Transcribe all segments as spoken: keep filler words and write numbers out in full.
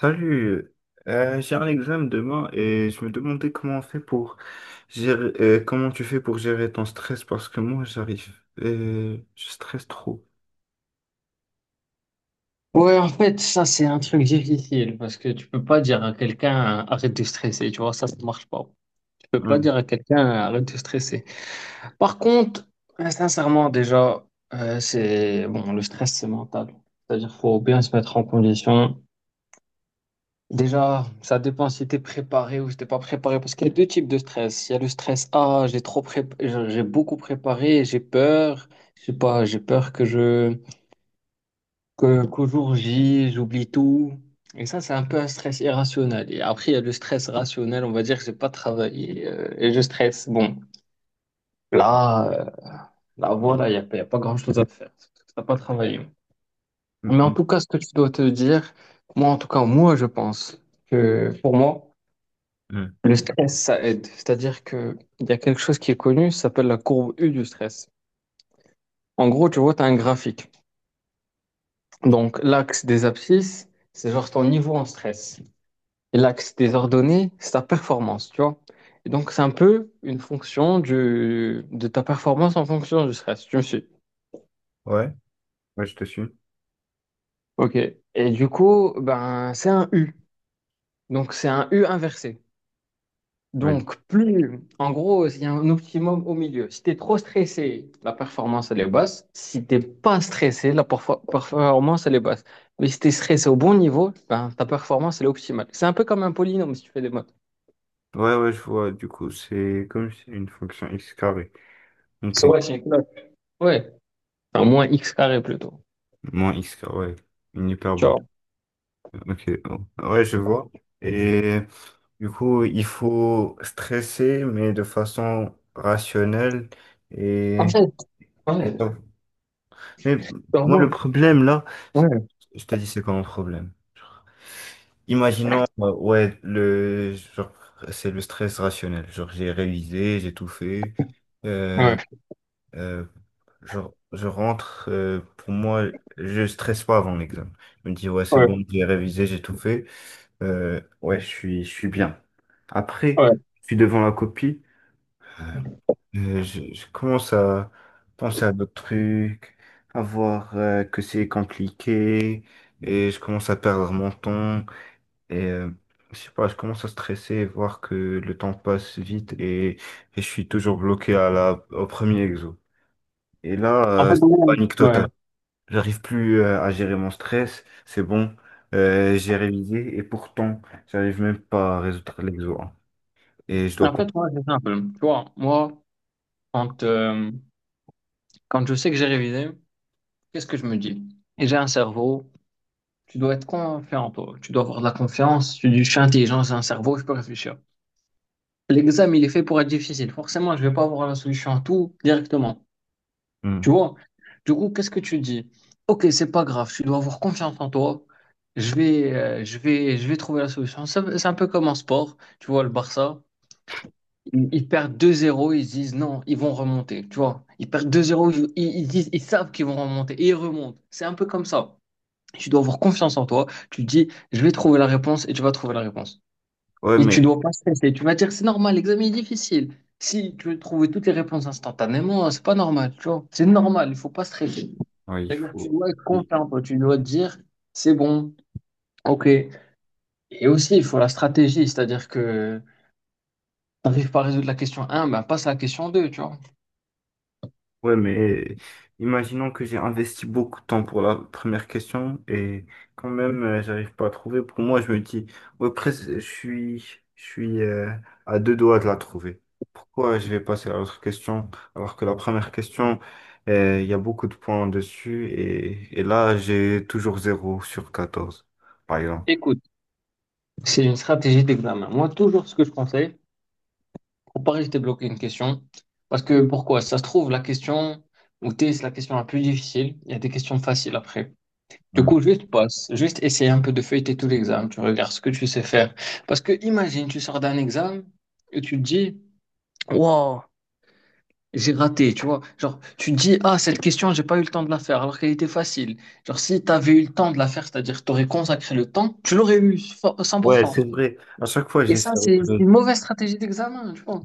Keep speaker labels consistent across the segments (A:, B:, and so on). A: Salut. Euh, j'ai un examen demain et je me demandais comment on fait pour gérer, euh, comment tu fais pour gérer ton stress parce que moi j'arrive, euh, je stresse trop.
B: Ouais, en fait, ça, c'est un truc difficile parce que tu peux pas dire à quelqu'un arrête de stresser, tu vois, ça, ça marche pas. Tu peux pas
A: Hum,
B: dire à quelqu'un arrête de stresser. Par contre, euh, sincèrement, déjà, euh, c'est bon, le stress, c'est mental. C'est-à-dire, faut bien se mettre en condition. Déjà, ça dépend si t'es préparé ou si t'es pas préparé parce qu'il y a deux types de stress. Il y a le stress, ah, j'ai trop prép... j'ai j'ai beaucoup préparé, j'ai peur, je sais pas, j'ai peur que je que, qu'au jour J, j'oublie tout. Et ça, c'est un peu un stress irrationnel. Et après, il y a le stress rationnel. On va dire que j'ai pas travaillé euh, et je stresse. Bon, là, euh, là, voilà, il n'y a, pas- il y a pas grand-chose à faire. T'as pas travaillé.
A: hum,
B: Mais en
A: hum,
B: tout cas, ce que tu dois te dire, moi, en tout cas, moi, je pense que pour moi,
A: hum.
B: le stress, ça aide. C'est-à-dire que il y a quelque chose qui est connu, ça s'appelle la courbe U du stress. En gros, tu vois, tu as un graphique. Donc, l'axe des abscisses, c'est genre ton niveau en stress. L'axe des ordonnées, c'est ta performance, tu vois. Et donc, c'est un peu une fonction du, de ta performance en fonction du stress, tu me suis.
A: Ouais, ouais, je te suis.
B: Ok. Et du coup, ben, c'est un U. Donc, c'est un U inversé.
A: Ouais,
B: Donc, plus, en gros, il y a un optimum au milieu. Si tu es trop stressé, la performance, elle est basse. Si t'es pas stressé, la perfo- performance, elle est basse. Mais si tu es stressé au bon niveau, ben, ta performance, elle est optimale. C'est un peu comme un polynôme si tu fais des maths.
A: ouais, ouais, je vois. Du coup, c'est comme si une fonction x carré.
B: Ouais, c'est
A: Ok,
B: what, Shane? Ouais, enfin, moins x carré plutôt.
A: moins x carré, une
B: Tu
A: hyperbole.
B: vois.
A: Ok, oh, ouais, je vois. Et du coup, il faut stresser mais de façon rationnelle,
B: En
A: et
B: fait,
A: et
B: ouais,
A: ça. Mais
B: par
A: moi, le
B: moi.
A: problème là, c'est-
B: Ouais,
A: je te dis, c'est quoi mon problème? Genre, imaginons, euh, ouais, le, genre, c'est le stress rationnel. Genre, j'ai révisé, j'ai tout fait.
B: ouais,
A: Euh, euh, genre, je rentre, euh, pour moi, je stresse pas avant l'examen. Je me dis, ouais, c'est bon,
B: ouais,
A: j'ai révisé, j'ai tout fait. Euh, ouais, je suis, je suis bien. Après,
B: ouais.
A: je suis devant la copie. Euh, je, je commence à penser à d'autres trucs, à voir euh, que c'est compliqué, et je commence à perdre mon temps, et euh, je sais pas, je commence à stresser, voir que le temps passe vite, et, et je suis toujours bloqué à la, au premier exo. Et là,
B: En
A: euh,
B: fait,
A: c'est
B: moi,
A: la panique
B: ouais.
A: totale. J'arrive plus euh, à gérer mon stress. C'est bon, euh, j'ai révisé, et pourtant, j'arrive même pas à résoudre l'exo, hein. Et je dois
B: En
A: pas...
B: fait, moi, c'est simple. Tu vois, moi, quand, euh, quand je sais que j'ai révisé, qu'est-ce que je me dis? Et j'ai un cerveau, tu dois être confiant en toi. Tu dois avoir de la confiance. Tu dis, je suis intelligent, j'ai un cerveau, je peux réfléchir. L'examen, il est fait pour être difficile. Forcément, je vais pas avoir la solution à tout directement. Tu
A: Hmm.
B: vois? Du coup, qu'est-ce que tu dis? Ok, c'est pas grave, tu dois avoir confiance en toi. Je vais, euh, je vais, je vais trouver la solution. C'est c'est un peu comme en sport. Tu vois, le Barça, ils, ils perdent deux zéro, ils se disent non, ils vont remonter. Tu vois, ils perdent deux zéro, ils, ils ils disent, ils savent qu'ils vont remonter et ils remontent. C'est un peu comme ça. Tu dois avoir confiance en toi. Tu te dis, je vais trouver la réponse et tu vas trouver la réponse.
A: Ouais,
B: Et tu
A: mais...
B: dois pas stresser. Tu vas dire, c'est normal, l'examen est difficile. Si tu veux trouver toutes les réponses instantanément, euh, c'est pas normal, tu vois. C'est normal, il faut pas stresser.
A: Oui, il
B: C'est-à-dire que tu
A: faut...
B: dois être confiant, toi. Tu dois te dire, c'est bon, ok. Et aussi, il faut la stratégie, c'est-à-dire que t'arrives pas à résoudre la question un, ben passe à la question deux, tu vois.
A: Ouais, mais imaginons que j'ai investi beaucoup de temps pour la première question et quand même, euh, j'arrive pas à trouver. Pour moi, je me dis, ouais, presque, je suis, je suis euh, à deux doigts de la trouver. Pourquoi je vais passer à l'autre question alors que la première question, euh, il y a beaucoup de points dessus et, et là, j'ai toujours zéro sur quatorze par exemple.
B: Écoute, c'est une stratégie d'examen. Moi, toujours ce que je conseille, pour pas rester bloqué une question, parce que pourquoi? Ça se trouve, la question où t'es, c'est la question la plus difficile. Il y a des questions faciles après. Du
A: Hmm.
B: coup, juste passe, juste essayer un peu de feuilleter tout l'examen, tu regardes ce que tu sais faire. Parce que imagine, tu sors d'un examen et tu te dis, wow, j'ai raté, tu vois. Genre, tu te dis, ah, cette question, j'ai pas eu le temps de la faire, alors qu'elle était facile. Genre, si tu avais eu le temps de la faire, c'est-à-dire tu aurais consacré le temps, tu l'aurais eu fo-
A: Ouais, c'est
B: cent pour cent.
A: vrai. À chaque fois,
B: Et
A: j'essaie
B: ça, c'est c'est
A: de...
B: une mauvaise stratégie d'examen, tu vois.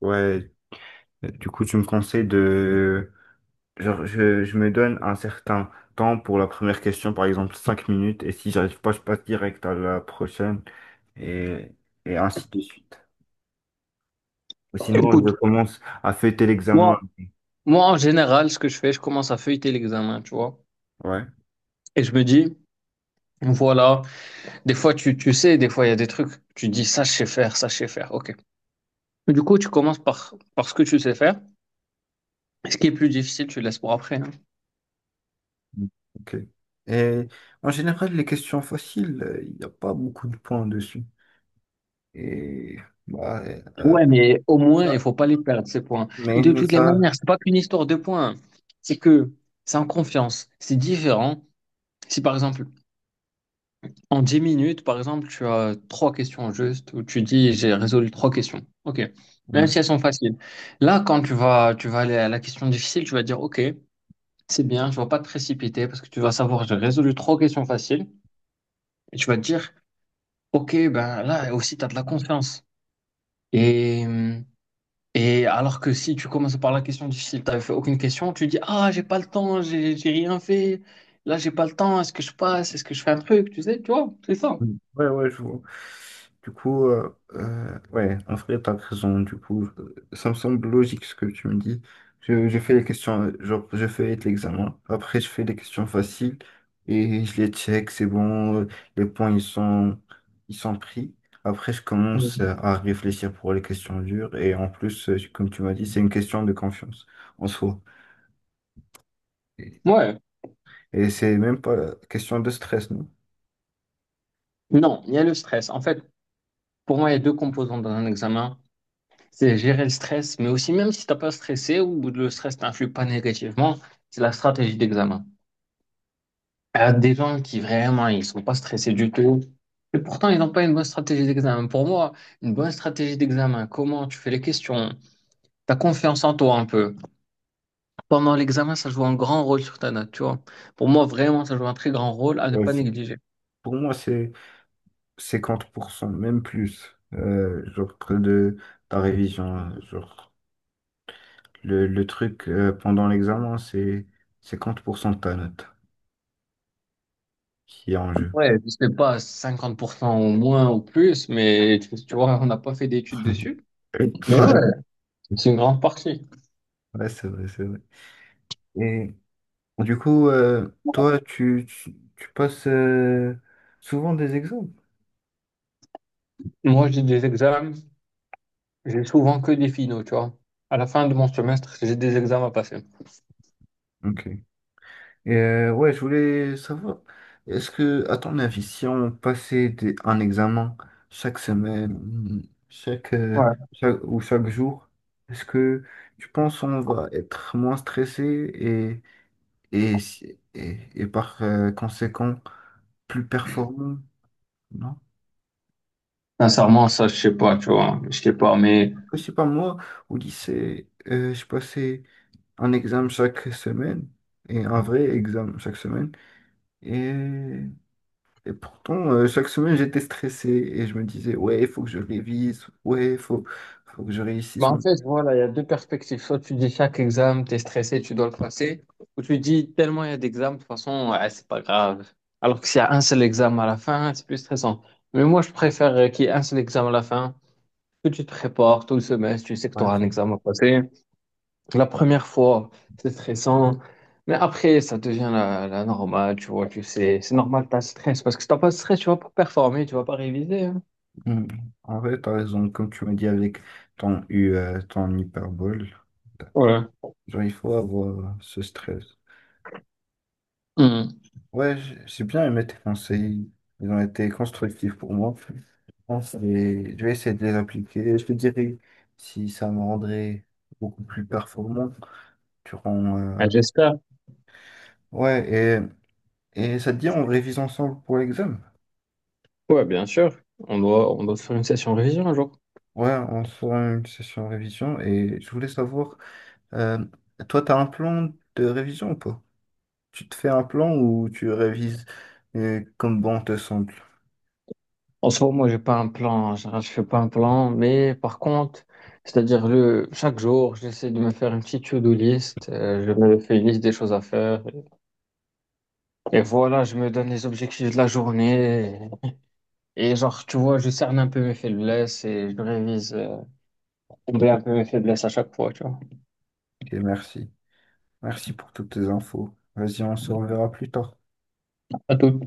A: Ouais, du coup, tu me conseilles de... Genre, je, je me donne un certain temps pour la première question, par exemple cinq minutes, et si j'arrive pas, je passe direct à la prochaine, et, et ainsi de suite. Ou sinon, je
B: Écoute,
A: commence à fêter l'examen.
B: moi, moi, en général, ce que je fais, je commence à feuilleter l'examen, tu vois.
A: Ouais.
B: Et je me dis, voilà. Des fois, tu, tu sais, des fois, il y a des trucs, tu dis ça, je sais faire, ça, je sais faire. Ok. Du coup, tu commences par, par ce que tu sais faire. Ce qui est plus difficile, tu le laisses pour après, hein.
A: Ok. Et en général, les questions faciles, il n'y a pas beaucoup de points dessus. Et bah, euh,
B: Ouais, mais au moins, il
A: ça,
B: faut pas les perdre, ces points. Et
A: mais,
B: de
A: mais
B: toutes les
A: ça.
B: manières, c'est pas qu'une histoire de points, hein. C'est que c'est en confiance. C'est différent. Si par exemple, en dix minutes, par exemple, tu as trois questions juste, où tu dis j'ai résolu trois questions. Ok. Même si elles sont faciles. Là, quand tu vas, tu vas aller à la question difficile, tu vas dire ok. C'est bien, je ne pas te précipiter parce que tu vas savoir, j'ai résolu trois questions faciles et tu vas te dire, ok, ben là aussi, tu as de la confiance. Et, et alors que si tu commences par la question difficile, tu fait aucune question, tu dis, ah, j'ai pas le temps, j'ai j'ai rien fait, là, j'ai pas le temps, est-ce que je passe, est-ce que je fais un truc, tu sais, tu vois, c'est ça.
A: Mm. Ouais, ouais, je vois. Du coup, euh, euh, ouais, en vrai, t'as raison. Du coup, euh, ça me semble logique ce que tu me dis. Je, je fais les questions, euh, genre, je fais l'examen. Après, je fais les questions faciles et je les check, c'est bon. euh, Les points, ils sont, ils sont pris. Après, je commence
B: Mhm.
A: euh, à réfléchir pour les questions dures. Et en plus, euh, comme tu m'as dit, c'est une question de confiance en soi. Et
B: Ouais,
A: et c'est même pas question de stress, non?
B: non, il y a le stress. En fait, pour moi, il y a deux composantes dans un examen. C'est gérer le stress, mais aussi même si t'as pas stressé ou le stress t'influe pas négativement, c'est la stratégie d'examen. À des gens qui vraiment ils sont pas stressés du tout et pourtant ils n'ont pas une bonne stratégie d'examen. Pour moi, une bonne stratégie d'examen, comment tu fais les questions, ta confiance en toi un peu. Pendant l'examen, ça joue un grand rôle sur ta note, tu vois. Pour moi, vraiment, ça joue un très grand rôle à ne
A: Ouais,
B: pas
A: c'est-
B: négliger.
A: pour moi, c'est cinquante pour cent même plus, euh, genre que de ta révision, hein. Genre, le, le truc euh, pendant l'examen, c'est cinquante pour cent de ta note qui est en jeu.
B: Ouais, je sais pas, cinquante pour cent au moins ou plus, mais tu tu vois, on n'a pas fait d'études dessus.
A: Ouais.
B: Mais ouais, c'est une grande partie.
A: Ouais, c'est vrai, c'est vrai. Et du coup, euh, toi, tu, tu, tu passes euh, souvent des examens.
B: Moi, j'ai des examens, j'ai souvent que des finaux, tu vois. À la fin de mon semestre, j'ai des examens à passer.
A: Ok. Et, euh, ouais, je voulais savoir, est-ce que, à ton avis, si on passait des- un examen chaque semaine, chaque, euh,
B: Ouais.
A: chaque- ou chaque jour, est-ce que tu penses qu'on va être moins stressé et, et, si- et, et par euh, conséquent plus performant? Non?
B: Sincèrement, ça, je sais pas, tu vois. Je sais pas, mais...
A: Je sais pas, moi, au lycée, euh, je passais un examen chaque semaine et un vrai examen chaque semaine. Et Et pourtant, euh, chaque semaine, j'étais stressé et je me disais, ouais, il faut que je révise, ouais, il faut, faut que je
B: Bah,
A: réussisse.
B: en
A: mon-
B: fait, voilà, il y a deux perspectives. Soit tu dis chaque examen, t'es stressé, tu dois le passer. Ou tu dis tellement il y a d'examens, de toute façon, ouais, c'est pas grave. Alors que s'il y a un seul examen à la fin, c'est plus stressant. Mais moi, je préfère euh, qu'il y ait un seul examen à la fin, que tu te prépares tout le semestre, tu sais que tu
A: Ouais,
B: auras un
A: c'est-
B: examen à passer. La première fois, c'est stressant. Mais après, ça devient la, la normale, tu vois, tu sais. C'est normal, t'as le stress. Parce que si t'as pas de stress, tu vas pas performer, tu vas pas réviser, hein.
A: mm. En vrai, t'as raison, comme tu m'as dit avec ton U, euh, ton hyperbole, genre, il faut avoir euh, ce stress.
B: Voilà.
A: Ouais, j- j'ai bien aimé tes conseils, ils ont été constructifs pour moi. Je pense que je vais essayer de les appliquer. Je te dirai si ça me rendrait beaucoup plus performant durant. euh,
B: Ah, j'espère.
A: Ouais, et, et ça te dit, on révise ensemble pour l'examen?
B: Ouais, bien sûr. On doit, on doit se faire une session révision un jour.
A: Ouais, on se fera une session révision et je voulais savoir, euh, toi, tu as un plan de révision ou pas? Tu te fais un plan ou tu révises euh, comme bon te semble?
B: En ce moment, moi, j'ai pas un plan. En général, je fais pas un plan, mais par contre, c'est-à-dire le chaque jour, j'essaie de me faire une petite to-do list. euh, je me fais une liste des choses à faire. Et voilà, je me donne les objectifs de la journée. Et, genre, tu vois, je cerne un peu mes faiblesses et je révise, euh, combler un peu mes faiblesses à chaque fois, tu vois.
A: Ok, merci. Merci pour toutes tes infos. Vas-y, on se reverra plus tard.
B: À tout.